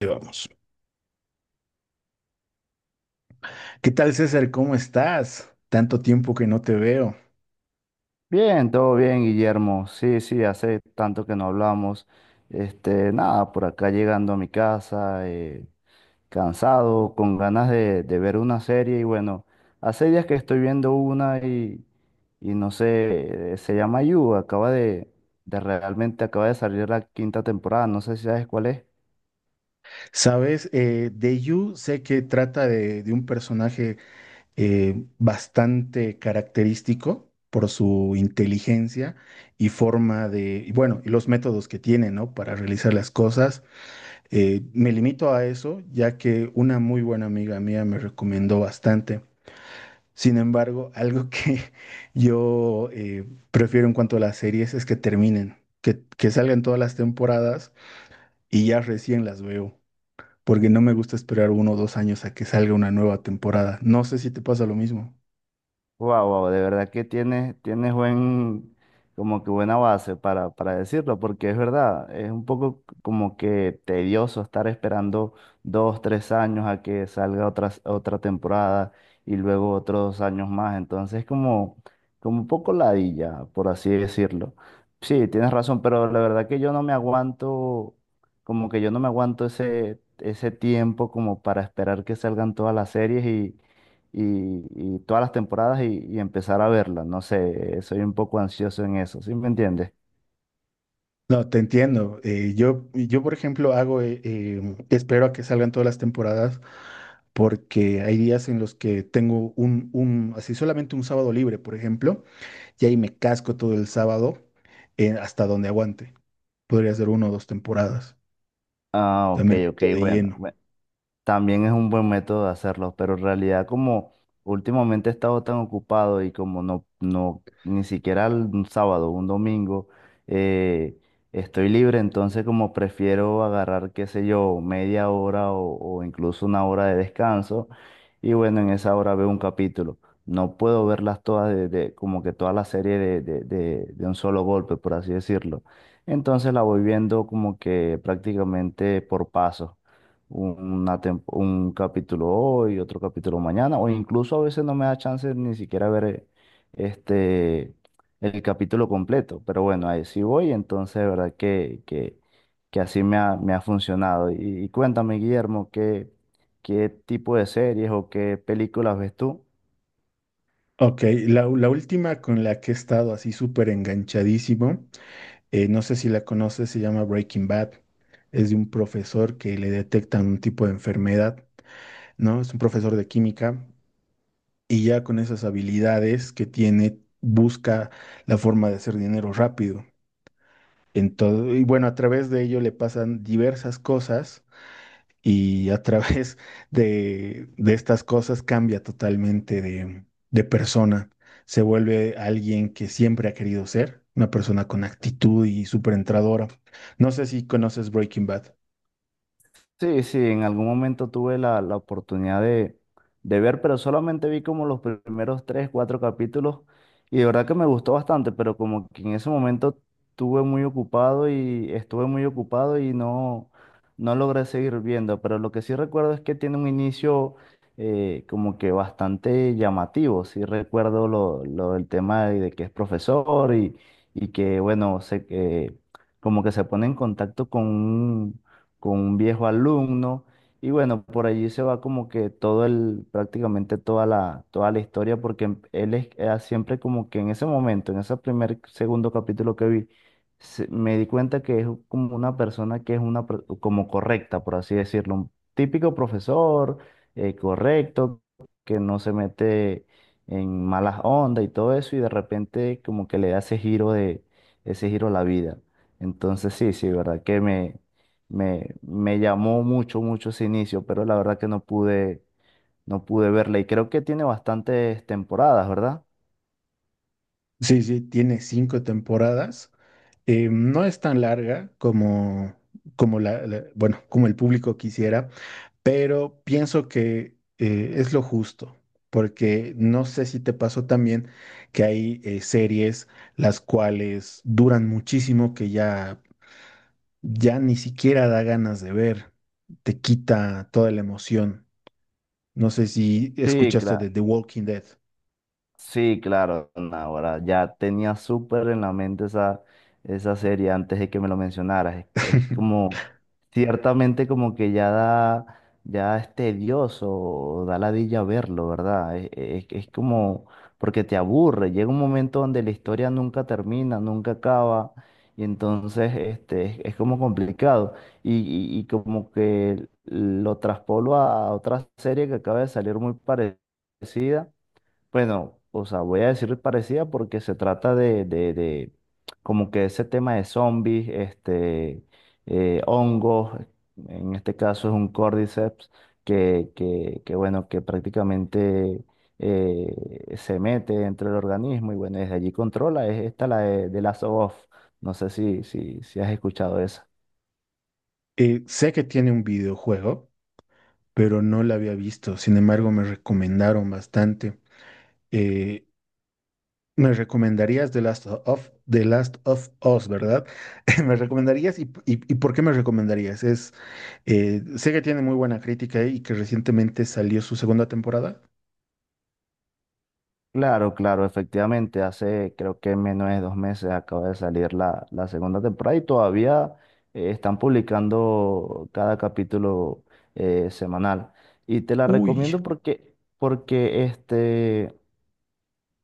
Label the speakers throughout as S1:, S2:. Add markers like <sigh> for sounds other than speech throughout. S1: Ahí vamos. ¿Qué tal, César? ¿Cómo estás? Tanto tiempo que no te veo.
S2: Bien, todo bien, Guillermo. Sí, sí, hace tanto que no hablamos. Este, nada, por acá llegando a mi casa, cansado, con ganas de, ver una serie. Y bueno, hace días que estoy viendo una y no sé, se llama You. Acaba de salir la quinta temporada. No sé si sabes cuál es.
S1: Sabes, de You sé que trata de un personaje bastante característico por su inteligencia y forma de, y bueno, y los métodos que tiene, ¿no? Para realizar las cosas. Me limito a eso, ya que una muy buena amiga mía me recomendó bastante. Sin embargo, algo que <laughs> yo prefiero en cuanto a las series es que terminen, que salgan todas las temporadas y ya recién las veo, porque no me gusta esperar uno o dos años a que salga una nueva temporada. No sé si te pasa lo mismo.
S2: Wow, wow, de verdad que tienes como que buena base para decirlo, porque es verdad, es un poco como que tedioso estar esperando 2, 3 años a que salga otra temporada y luego otros años más. Entonces, como un poco ladilla, por así decirlo. Sí, tienes razón, pero la verdad que yo no me aguanto, como que yo no me aguanto ese tiempo como para esperar que salgan todas las series y todas las temporadas y empezar a verlas. No sé, soy un poco ansioso en eso, ¿sí me entiendes?
S1: No, te entiendo. Yo, por ejemplo, hago, espero a que salgan todas las temporadas porque hay días en los que tengo un así solamente un sábado libre, por ejemplo, y ahí me casco todo el sábado hasta donde aguante. Podría ser uno o dos temporadas. O
S2: Ah,
S1: sea,
S2: ok,
S1: me
S2: ok,
S1: meto de
S2: bueno,
S1: lleno.
S2: bueno. También es un buen método de hacerlo, pero en realidad como últimamente he estado tan ocupado y como no, no, ni siquiera un sábado, un domingo, eh, estoy libre, entonces como prefiero agarrar, qué sé yo, media hora o incluso una hora de descanso y bueno, en esa hora veo un capítulo. No puedo verlas todas como que toda la serie de un solo golpe, por así decirlo. Entonces la voy viendo como que prácticamente por pasos un capítulo hoy, otro capítulo mañana, o incluso a veces no me da chance ni siquiera ver este, el capítulo completo, pero bueno, ahí sí voy, entonces de verdad que así me ha funcionado. Y cuéntame, Guillermo, ¿qué tipo de series o qué películas ves tú?
S1: Ok, la última con la que he estado así súper enganchadísimo, no sé si la conoces, se llama Breaking Bad. Es de un profesor que le detectan un tipo de enfermedad, ¿no? Es un profesor de química y ya con esas habilidades que tiene, busca la forma de hacer dinero rápido. Y bueno, a través de ello le pasan diversas cosas y a través <laughs> de estas cosas cambia totalmente de persona. Se vuelve alguien que siempre ha querido ser, una persona con actitud y súper entradora. No sé si conoces Breaking Bad.
S2: Sí, sí, en algún momento tuve la oportunidad de ver, pero solamente vi como los primeros tres, cuatro capítulos y de verdad que me gustó bastante, pero como que en ese momento estuve muy ocupado y no, no logré seguir viendo, pero lo que sí recuerdo es que tiene un inicio como que bastante llamativo, sí recuerdo lo del tema de que es profesor y que bueno, que como que se pone en contacto con un viejo alumno. Y bueno, por allí se va como que prácticamente toda la historia, porque él era siempre como que en ese momento, en ese primer, segundo capítulo que vi, me di cuenta que es como una persona que es como correcta, por así decirlo, un típico profesor, correcto, que no se mete en malas ondas y todo eso, y de repente como que le da ese giro a la vida. Entonces sí, sí, verdad que me llamó mucho, mucho ese inicio, pero la verdad que no pude verla. Y creo que tiene bastantes temporadas, ¿verdad?
S1: Sí, sí, tiene cinco temporadas. No es tan larga como, bueno, como el público quisiera, pero pienso que es lo justo, porque no sé si te pasó también que hay series las cuales duran muchísimo que ya, ya ni siquiera da ganas de ver, te quita toda la emoción. No sé si
S2: Sí,
S1: escuchaste
S2: claro.
S1: de The Walking Dead.
S2: Sí, claro, ahora ya tenía súper en la mente esa serie antes de que me lo mencionaras. Es
S1: <laughs>
S2: como, ciertamente como que ya da, ya es tedioso, da ladilla verlo, ¿verdad? Es como, porque te aburre, llega un momento donde la historia nunca termina, nunca acaba, y entonces es como complicado. Y como que lo traspolo a otra serie que acaba de salir muy parecida, bueno, o sea, voy a decir parecida porque se trata de como que ese tema de zombies, hongos, en este caso es un cordyceps, que bueno, que prácticamente se mete entre el organismo y bueno, desde allí controla, es esta la de Last of Us. No sé si has escuchado esa.
S1: Sé que tiene un videojuego. Pero no la había visto. Sin embargo, me recomendaron bastante. Eh, me recomendarías The Last of Us, ¿verdad? <laughs> ¿Me recomendarías y por qué me recomendarías? Es, sé que tiene muy buena crítica y que recientemente salió su segunda temporada.
S2: Claro, claro, efectivamente, hace creo que menos de 2 meses acaba de salir la segunda temporada y todavía están publicando cada capítulo semanal. Y te la
S1: Uy.
S2: recomiendo porque este,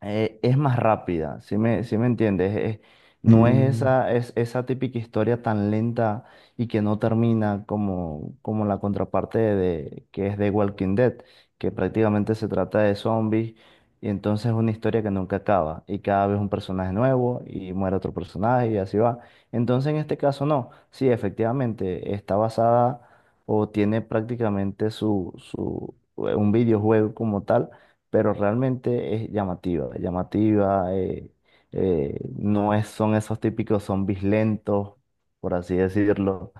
S2: eh, es más rápida, si me, sí me entiendes? No es
S1: Mm.
S2: esa, es esa típica historia tan lenta y que no termina como, la contraparte que es de Walking Dead, que prácticamente se trata de zombies y entonces es una historia que nunca acaba y cada vez un personaje nuevo y muere otro personaje y así va. Entonces en este caso no, sí, efectivamente está basada o tiene prácticamente un videojuego como tal, pero realmente es llamativa, llamativa, no es, son esos típicos zombies lentos, por así decirlo.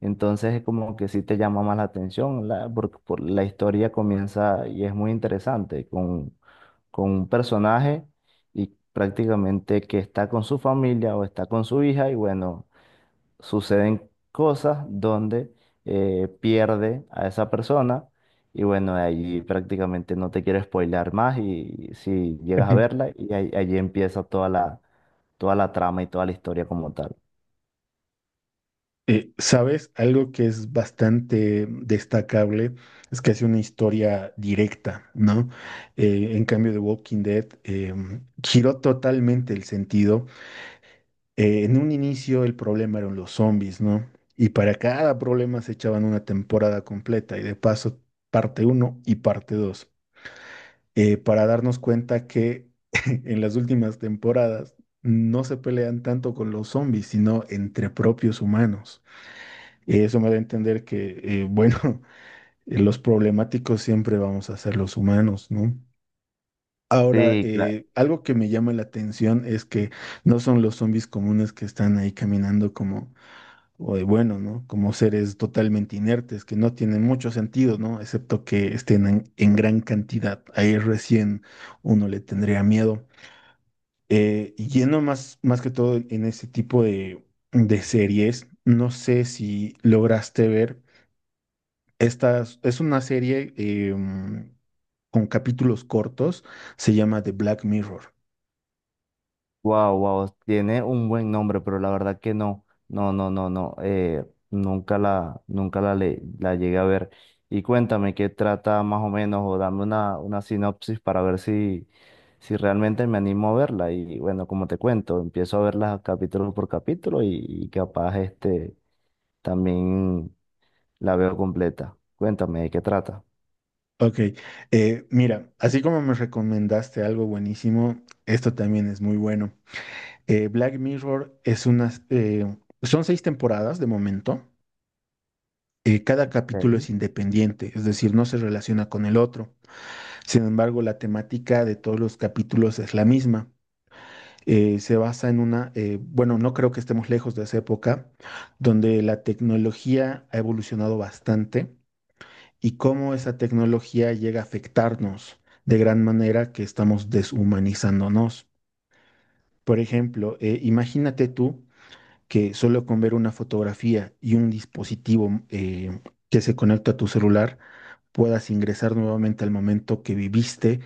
S2: Entonces es como que sí te llama más la atención, porque la historia comienza y es muy interesante con un personaje y prácticamente que está con su familia o está con su hija y bueno, suceden cosas donde pierde a esa persona y bueno, ahí prácticamente no te quiero spoilear más, y si llegas a verla,
S1: <laughs>
S2: y ahí, allí empieza toda la trama y toda la historia como tal.
S1: ¿sabes? Algo que es bastante destacable es que hace una historia directa, ¿no? En cambio de Walking Dead, giró totalmente el sentido en un inicio el problema eran los zombies, ¿no? Y para cada problema se echaban una temporada completa y de paso parte uno y parte 2, para darnos cuenta que <laughs> en las últimas temporadas no se pelean tanto con los zombies, sino entre propios humanos. Eso me da a entender que, bueno, <laughs> los problemáticos siempre vamos a ser los humanos, ¿no? Ahora,
S2: Sí, claro.
S1: algo que me llama la atención es que no son los zombies comunes que están ahí caminando como o de bueno, ¿no? Como seres totalmente inertes, que no tienen mucho sentido, ¿no? Excepto que estén en gran cantidad. Ahí recién uno le tendría miedo. Y yendo más, más que todo en ese tipo de series, no sé si lograste ver, esta es una serie con capítulos cortos, se llama The Black Mirror.
S2: Wow, wow, tiene un buen nombre, pero la verdad que no, no, no, no, no, nunca la llegué a ver. Y cuéntame qué trata más o menos, o dame una sinopsis para ver si realmente me animo a verla. Y bueno, como te cuento, empiezo a verla capítulo por capítulo y capaz este también la veo completa. Cuéntame de qué trata.
S1: Ok, mira, así como me recomendaste algo buenísimo, esto también es muy bueno. Black Mirror es unas, son seis temporadas de momento. Cada capítulo es independiente, es decir, no se relaciona con el otro. Sin embargo, la temática de todos los capítulos es la misma. Se basa en una, bueno, no creo que estemos lejos de esa época, donde la tecnología ha evolucionado bastante y cómo esa tecnología llega a afectarnos de gran manera que estamos deshumanizándonos. Por ejemplo, imagínate tú que solo con ver una fotografía y un dispositivo que se conecta a tu celular puedas ingresar nuevamente al momento que viviste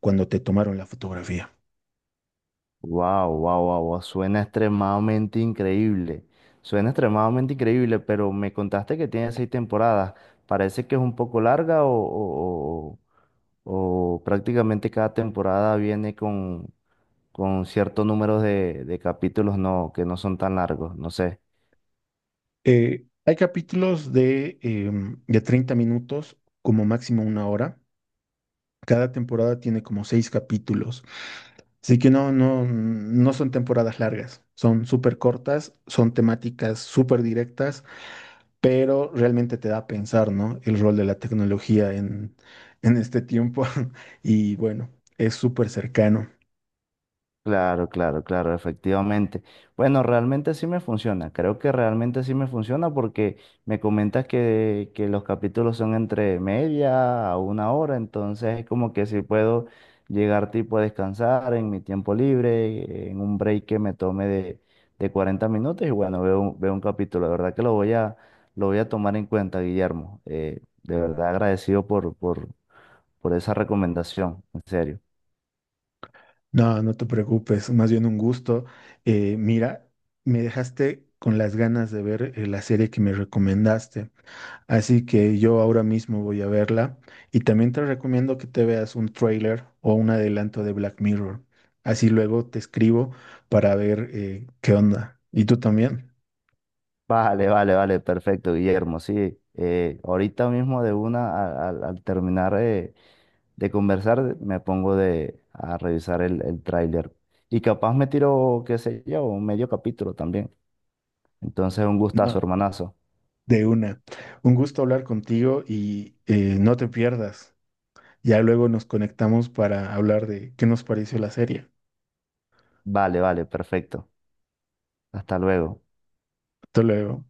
S1: cuando te tomaron la fotografía.
S2: Wow, wow, wow, wow, suena extremadamente increíble. Suena extremadamente increíble, pero me contaste que tiene seis temporadas. Parece que es un poco larga, o, o prácticamente cada temporada viene con cierto número de capítulos, no, que no son tan largos. No sé.
S1: Hay capítulos de, de 30 minutos, como máximo una hora. Cada temporada tiene como seis capítulos. Así que no, no, no son temporadas largas, son súper cortas, son temáticas súper directas, pero realmente te da a pensar, ¿no? El rol de la tecnología en este tiempo. <laughs> Y bueno, es súper cercano.
S2: Claro, claro, claro, efectivamente. Bueno, realmente sí me funciona. Creo que realmente sí me funciona porque me comentas que los capítulos son entre media a una hora, entonces es como que si puedo llegar tipo a descansar en mi tiempo libre, en un break que me tome de 40 minutos y bueno, veo un capítulo. De verdad que lo voy a tomar en cuenta, Guillermo. De verdad agradecido por esa recomendación, en serio.
S1: No, no te preocupes, más bien un gusto. Mira, me dejaste con las ganas de ver la serie que me recomendaste. Así que yo ahora mismo voy a verla y también te recomiendo que te veas un trailer o un adelanto de Black Mirror. Así luego te escribo para ver qué onda. ¿Y tú también?
S2: Vale, vale, vale, perfecto, Guillermo. Sí, ahorita mismo de una, al terminar de conversar, me pongo a revisar el tráiler. Y capaz me tiro, qué sé yo, un medio capítulo también. Entonces, un
S1: No.
S2: gustazo, hermanazo.
S1: De una. Un gusto hablar contigo y no te pierdas. Ya luego nos conectamos para hablar de qué nos pareció la serie.
S2: Vale, vale, perfecto. Hasta luego.
S1: Hasta luego.